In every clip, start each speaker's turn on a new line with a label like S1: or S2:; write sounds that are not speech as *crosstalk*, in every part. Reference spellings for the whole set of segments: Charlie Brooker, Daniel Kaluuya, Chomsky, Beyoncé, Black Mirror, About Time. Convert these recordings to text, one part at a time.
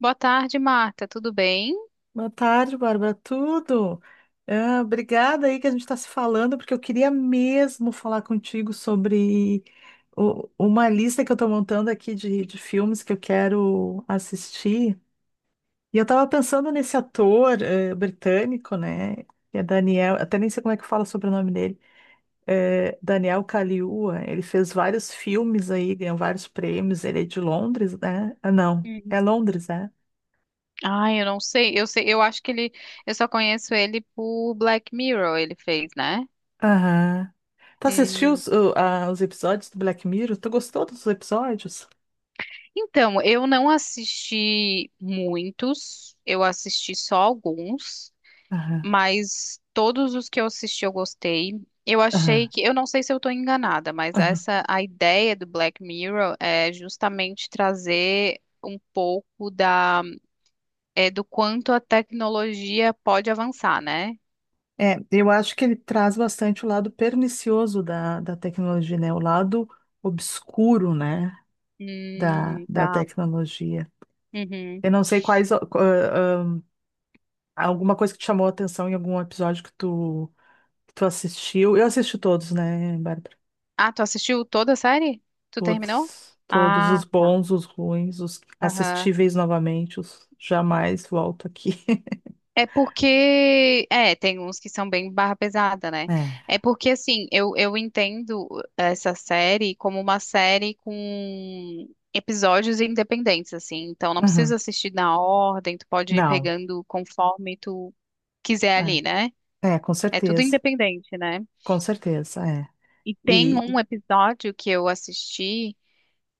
S1: Boa tarde, Marta. Tudo bem?
S2: Boa tarde, Bárbara. Tudo? Ah, obrigada aí que a gente está se falando, porque eu queria mesmo falar contigo sobre uma lista que eu estou montando aqui de filmes que eu quero assistir. E eu estava pensando nesse ator britânico, né? Que é Daniel, até nem sei como é que fala sobre o sobrenome dele. Daniel Kaluuya. Ele fez vários filmes aí, ganhou vários prêmios. Ele é de Londres, né? Ah, não, é
S1: Uhum.
S2: Londres, né?
S1: Ai, eu não sei. Eu sei, eu acho que eu só conheço ele por Black Mirror, ele fez, né?
S2: Aham. Tá assistindo
S1: Hum.
S2: os episódios do Black Mirror? Tu gostou dos episódios?
S1: Então, eu não assisti muitos, eu assisti só alguns,
S2: Aham,
S1: mas todos os que eu assisti eu gostei. Eu
S2: aham,
S1: achei que, eu não sei se eu estou enganada, mas
S2: aham.
S1: essa a ideia do Black Mirror é justamente trazer um pouco da do quanto a tecnologia pode avançar, né?
S2: É, eu acho que ele traz bastante o lado pernicioso da tecnologia, né? O lado obscuro, né? Da, da
S1: Tá.
S2: tecnologia.
S1: Uhum.
S2: Eu não sei quais, ó, alguma coisa que te chamou a atenção em algum episódio que tu assistiu. Eu assisti todos, né, Bárbara?
S1: Ah, tu assistiu toda a série? Tu terminou?
S2: Todos. Todos os
S1: Ah, tá.
S2: bons, os ruins, os
S1: Aham.
S2: assistíveis novamente, os jamais volto aqui. *laughs*
S1: É porque, é, tem uns que são bem barra pesada, né?
S2: É.
S1: É porque, assim, eu entendo essa série como uma série com episódios independentes, assim. Então, não precisa
S2: Uhum.
S1: assistir na ordem, tu pode ir
S2: Não,
S1: pegando conforme tu quiser ali, né?
S2: é, é,
S1: É tudo independente, né?
S2: com certeza, é.
S1: E tem
S2: E,
S1: um episódio que eu assisti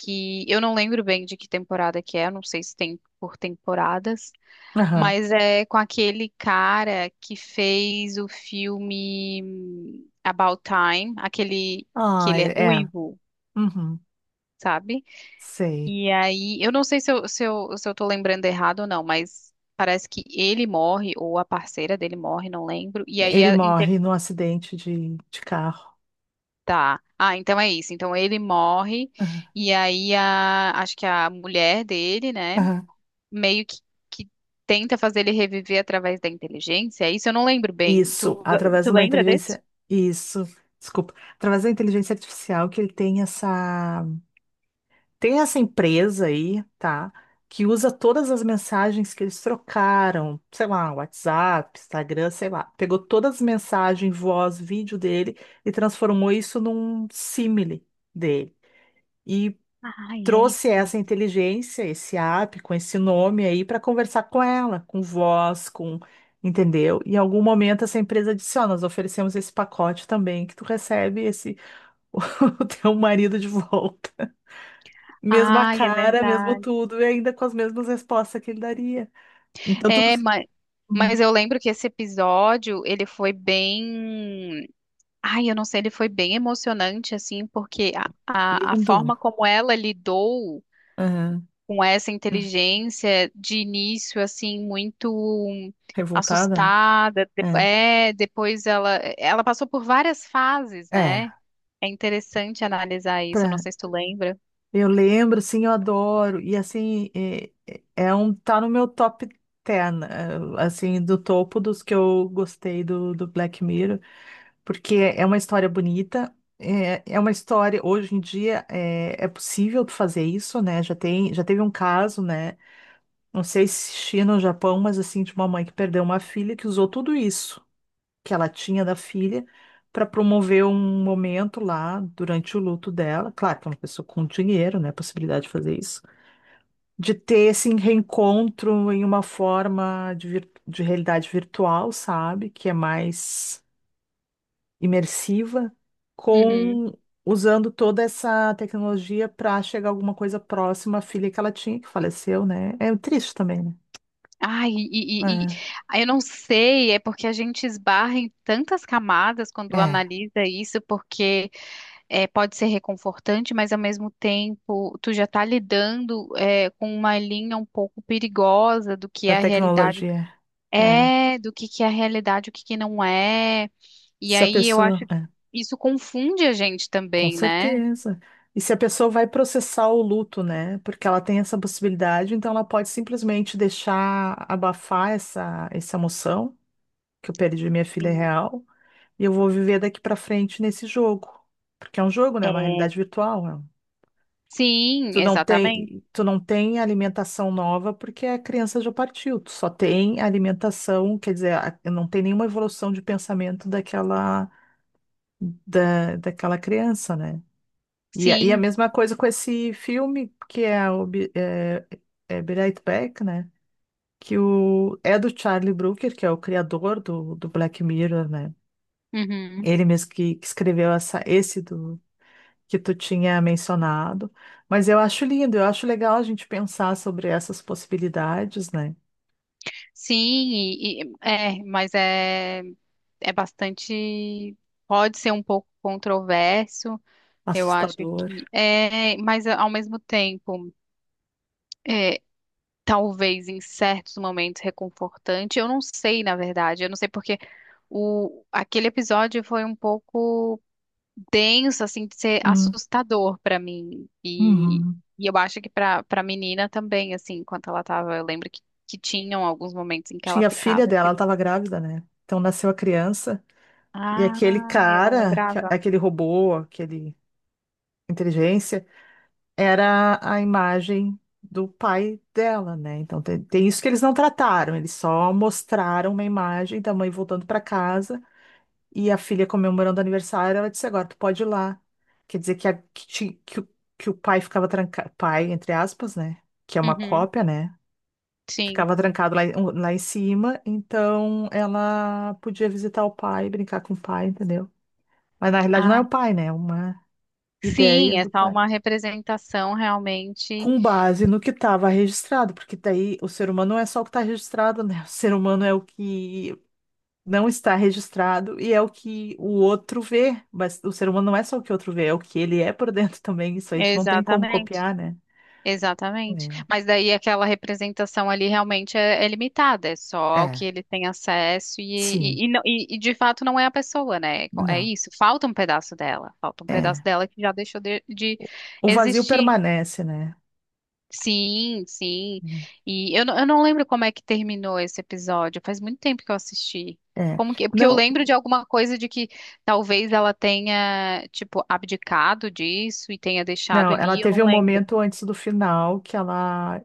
S1: que eu não lembro bem de que temporada que é, eu não sei se tem por temporadas,
S2: aham,
S1: mas é com aquele cara que fez o filme About Time, aquele que
S2: ah,
S1: ele é
S2: é,
S1: ruivo,
S2: uhum,
S1: sabe?
S2: sei.
S1: E aí, eu não sei se eu tô lembrando errado ou não, mas parece que ele morre, ou a parceira dele morre, não lembro, e aí
S2: Ele
S1: a inter-.
S2: morre num acidente de carro.
S1: Tá. Ah, então é isso. Então ele morre,
S2: Aham,
S1: e aí a, acho que a mulher dele, né?
S2: aham.
S1: Meio que tenta fazer ele reviver através da inteligência. É isso eu não lembro bem.
S2: Isso, através
S1: Tu
S2: de uma
S1: lembra desse?
S2: inteligência, isso, desculpa, através da inteligência artificial que ele tem essa. Tem essa empresa aí, tá? Que usa todas as mensagens que eles trocaram, sei lá, WhatsApp, Instagram, sei lá. Pegou todas as mensagens, voz, vídeo dele e transformou isso num símile dele. E
S1: Ai, é
S2: trouxe
S1: isso mesmo.
S2: essa inteligência, esse app com esse nome aí para conversar com ela, com voz, com. Entendeu? Em algum momento essa empresa disse: Ó, nós oferecemos esse pacote também, que tu recebe esse *laughs* o teu marido de volta. Mesma
S1: Ai, é
S2: cara, mesmo
S1: verdade.
S2: tudo, e ainda com as mesmas respostas que ele daria. Então, tudo.
S1: É, mas,
S2: Uhum.
S1: mas eu lembro que esse episódio, ele foi bem. Ai, eu não sei, ele foi bem emocionante, assim, porque a
S2: Lindo.
S1: forma como ela lidou
S2: Aham.
S1: com essa
S2: Ah,
S1: inteligência de início, assim, muito
S2: Revoltada, né?
S1: assustada. É, depois ela passou por várias fases,
S2: É. É.
S1: né? É interessante analisar isso, eu não
S2: Pra...
S1: sei se tu lembra.
S2: Eu lembro, sim, eu adoro. E assim, é, é um. Tá no meu top 10, assim, do topo dos que eu gostei do Black Mirror, porque é uma história bonita. É, é uma história, hoje em dia é, é possível tu fazer isso, né? Já tem, já teve um caso, né? Não sei se China ou Japão, mas assim, de uma mãe que perdeu uma filha que usou tudo isso que ela tinha da filha para promover um momento lá durante o luto dela. Claro que é uma pessoa com dinheiro, né? Possibilidade de fazer isso. De ter esse reencontro em uma forma de, de realidade virtual, sabe? Que é mais imersiva,
S1: Uhum.
S2: com usando toda essa tecnologia para chegar a alguma coisa próxima à filha que ela tinha, que faleceu, né? É triste também,
S1: Ai,
S2: né?
S1: ah, eu não sei, é porque a gente esbarra em tantas camadas
S2: É.
S1: quando
S2: É.
S1: analisa isso, porque é, pode ser reconfortante, mas ao mesmo tempo tu já tá lidando com uma linha um pouco perigosa do que
S2: Da
S1: é a realidade
S2: tecnologia. É.
S1: do que é a realidade, o que que não é. E
S2: Se a
S1: aí eu acho
S2: pessoa.
S1: que
S2: É,
S1: isso confunde a gente
S2: com
S1: também, né?
S2: certeza. E se a pessoa vai processar o luto, né? Porque ela tem essa possibilidade, então ela pode simplesmente deixar abafar essa emoção, que eu perdi minha filha
S1: Sim.
S2: real, e eu vou viver daqui pra frente nesse jogo. Porque é um jogo, né? É uma
S1: É.
S2: realidade virtual. Né?
S1: Sim, exatamente.
S2: Tu não tem alimentação nova porque a criança já partiu. Tu só tem alimentação, quer dizer, não tem nenhuma evolução de pensamento daquela daquela criança, né? E, e a
S1: Sim,
S2: mesma coisa com esse filme que é, o, é Be Right Back, né? Que o, é do Charlie Brooker, que é o criador do Black Mirror, né?
S1: uhum.
S2: Ele mesmo que escreveu essa, esse do que tu tinha mencionado. Mas eu acho lindo, eu acho legal a gente pensar sobre essas possibilidades, né?
S1: Sim, é, é bastante, pode ser um pouco controverso, eu acho
S2: Assustador.
S1: que é, mas ao mesmo tempo, é, talvez em certos momentos reconfortante, eu não sei, na verdade, eu não sei porque o, aquele episódio foi um pouco denso, assim, de ser
S2: Hum,
S1: assustador para mim,
S2: uhum.
S1: e eu acho que para para menina também, assim, enquanto ela tava, eu lembro que tinham alguns momentos em que ela
S2: Tinha a filha
S1: ficava,
S2: dela, ela
S1: tipo,.
S2: estava grávida, né? Então nasceu a criança. E aquele
S1: Ah, eu não
S2: cara,
S1: lembrava.
S2: aquele robô, aquele inteligência, era a imagem do pai dela, né? Então tem isso que eles não trataram, eles só mostraram uma imagem da mãe voltando para casa e a filha comemorando o aniversário. Ela disse: Agora tu pode ir lá. Quer dizer que, que o pai ficava trancado, pai, entre aspas, né? Que é uma
S1: Uhum,
S2: cópia, né?
S1: sim.
S2: Ficava trancado lá, lá em cima, então ela podia visitar o pai, brincar com o pai, entendeu? Mas na realidade não é
S1: Ah,
S2: o pai, né? É uma ideia
S1: sim, é
S2: do
S1: só
S2: pai.
S1: uma representação realmente.
S2: Com base no que estava registrado, porque daí o ser humano não é só o que está registrado, né? O ser humano é o que não está registrado e é o que o outro vê. Mas o ser humano não é só o que o outro vê, é o que ele é por *laughs* dentro também. Isso aí tu não tem como
S1: Exatamente,
S2: copiar, né?
S1: exatamente. Mas daí aquela representação ali realmente é, é limitada, é
S2: É.
S1: só o que
S2: É.
S1: ele tem acesso
S2: Sim.
S1: não- e de fato não é a pessoa, né? É
S2: Não.
S1: isso, falta um pedaço dela, falta um pedaço
S2: É.
S1: dela que já deixou de
S2: O vazio
S1: existir.
S2: permanece, né?
S1: Sim, sim. Não- eu não lembro como é que terminou esse episódio. Faz muito tempo que eu assisti.
S2: É.
S1: Como que, porque eu
S2: Não,
S1: lembro de alguma coisa de que talvez ela tenha, tipo, abdicado disso e tenha deixado
S2: não, ela
S1: ele, eu
S2: teve
S1: não
S2: um
S1: lembro.
S2: momento antes do final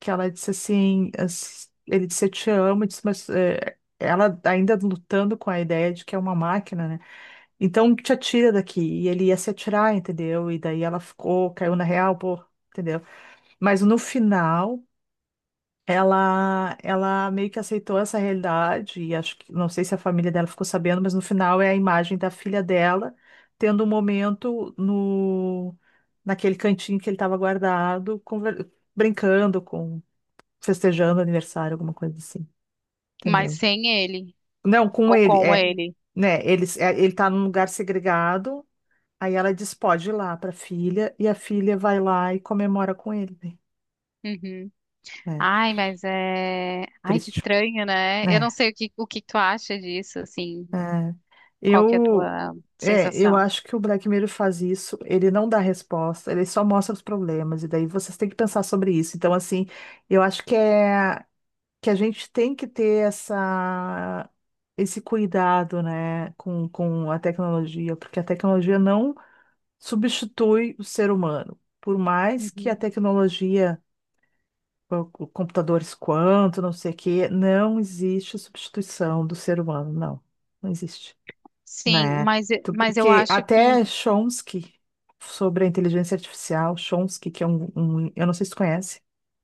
S2: que ela disse assim, ele disse, eu te amo, disse, mas é, ela ainda lutando com a ideia de que é uma máquina, né? Então te atira daqui. E ele ia se atirar, entendeu? E daí ela ficou, caiu na real, pô, entendeu? Mas no final. Ela meio que aceitou essa realidade, e acho que, não sei se a família dela ficou sabendo, mas no final é a imagem da filha dela tendo um momento no, naquele cantinho que ele estava guardado, brincando com festejando aniversário, alguma coisa assim,
S1: Mas
S2: entendeu?
S1: sem ele,
S2: Não, com
S1: ou
S2: ele,
S1: com
S2: é,
S1: ele.
S2: né, eles, é, ele tá num lugar segregado, aí ela diz, pode ir lá pra filha, e a filha vai lá e comemora com ele,
S1: Uhum.
S2: né? É,
S1: Ai, mas é. Ai, que
S2: triste,
S1: estranho, né? Eu não
S2: né?
S1: sei o que tu acha disso, assim.
S2: É.
S1: Qual que é a
S2: Eu,
S1: tua
S2: é, eu
S1: sensação?
S2: acho que o Black Mirror faz isso, ele não dá resposta, ele só mostra os problemas, e daí vocês têm que pensar sobre isso. Então, assim, eu acho que é. Que a gente tem que ter essa, esse cuidado, né, com a tecnologia, porque a tecnologia não substitui o ser humano. Por mais que a
S1: Uhum.
S2: tecnologia, o computadores quanto, não sei o quê, não existe substituição do ser humano, não, não existe,
S1: Sim,
S2: né?
S1: mas eu
S2: Porque
S1: acho que.
S2: até Chomsky, sobre a inteligência artificial, Chomsky, que é eu não sei se tu conhece,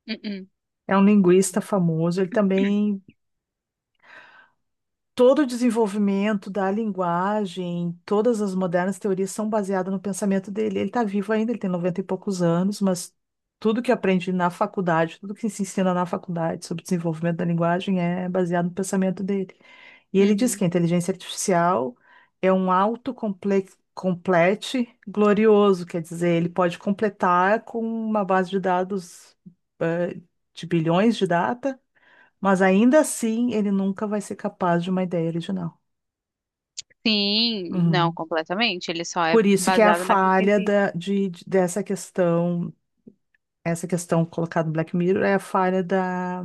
S1: Uh-uh.
S2: é um linguista
S1: Não.
S2: famoso, ele
S1: *clears throat*
S2: também todo o desenvolvimento da linguagem, todas as modernas teorias são baseadas no pensamento dele. Ele está vivo ainda, ele tem 90 e poucos anos, mas tudo que aprende na faculdade, tudo que se ensina na faculdade sobre desenvolvimento da linguagem é baseado no pensamento dele. E ele diz
S1: Uhum.
S2: que a inteligência artificial é um autocomplete complete glorioso, quer dizer, ele pode completar com uma base de dados, eh, de bilhões de dados, mas ainda assim, ele nunca vai ser capaz de uma ideia original.
S1: Sim, não,
S2: Uhum.
S1: completamente. Ele só é
S2: Por isso que é a
S1: baseado naquilo que
S2: falha
S1: existe.
S2: da, dessa questão, essa questão colocada no Black Mirror é a falha da.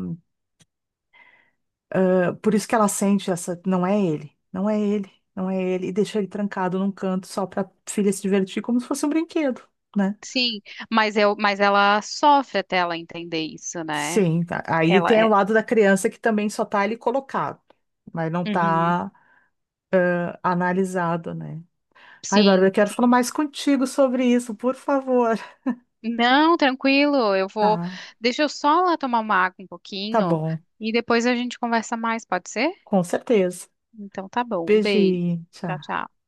S2: Por isso que ela sente essa. Não é ele, não é ele, não é ele. E deixa ele trancado num canto só para filha se divertir como se fosse um brinquedo, né?
S1: Sim, mas eu, mas ela sofre até ela entender isso, né?
S2: Sim, tá. Aí
S1: Ela
S2: tem o
S1: é.
S2: lado da criança que também só tá ali colocado, mas não
S1: Uhum.
S2: tá analisado, né? Ai, Bárbara, eu
S1: Sim,
S2: quero
S1: sim.
S2: falar mais contigo sobre isso, por favor.
S1: Não, tranquilo, eu vou.
S2: Tá.
S1: Deixa eu só lá tomar uma água um
S2: Tá
S1: pouquinho
S2: bom,
S1: e depois a gente conversa mais, pode ser?
S2: com certeza.
S1: Então tá bom. Um beijo.
S2: Beijinho,
S1: Tchau,
S2: tchau.
S1: tchau.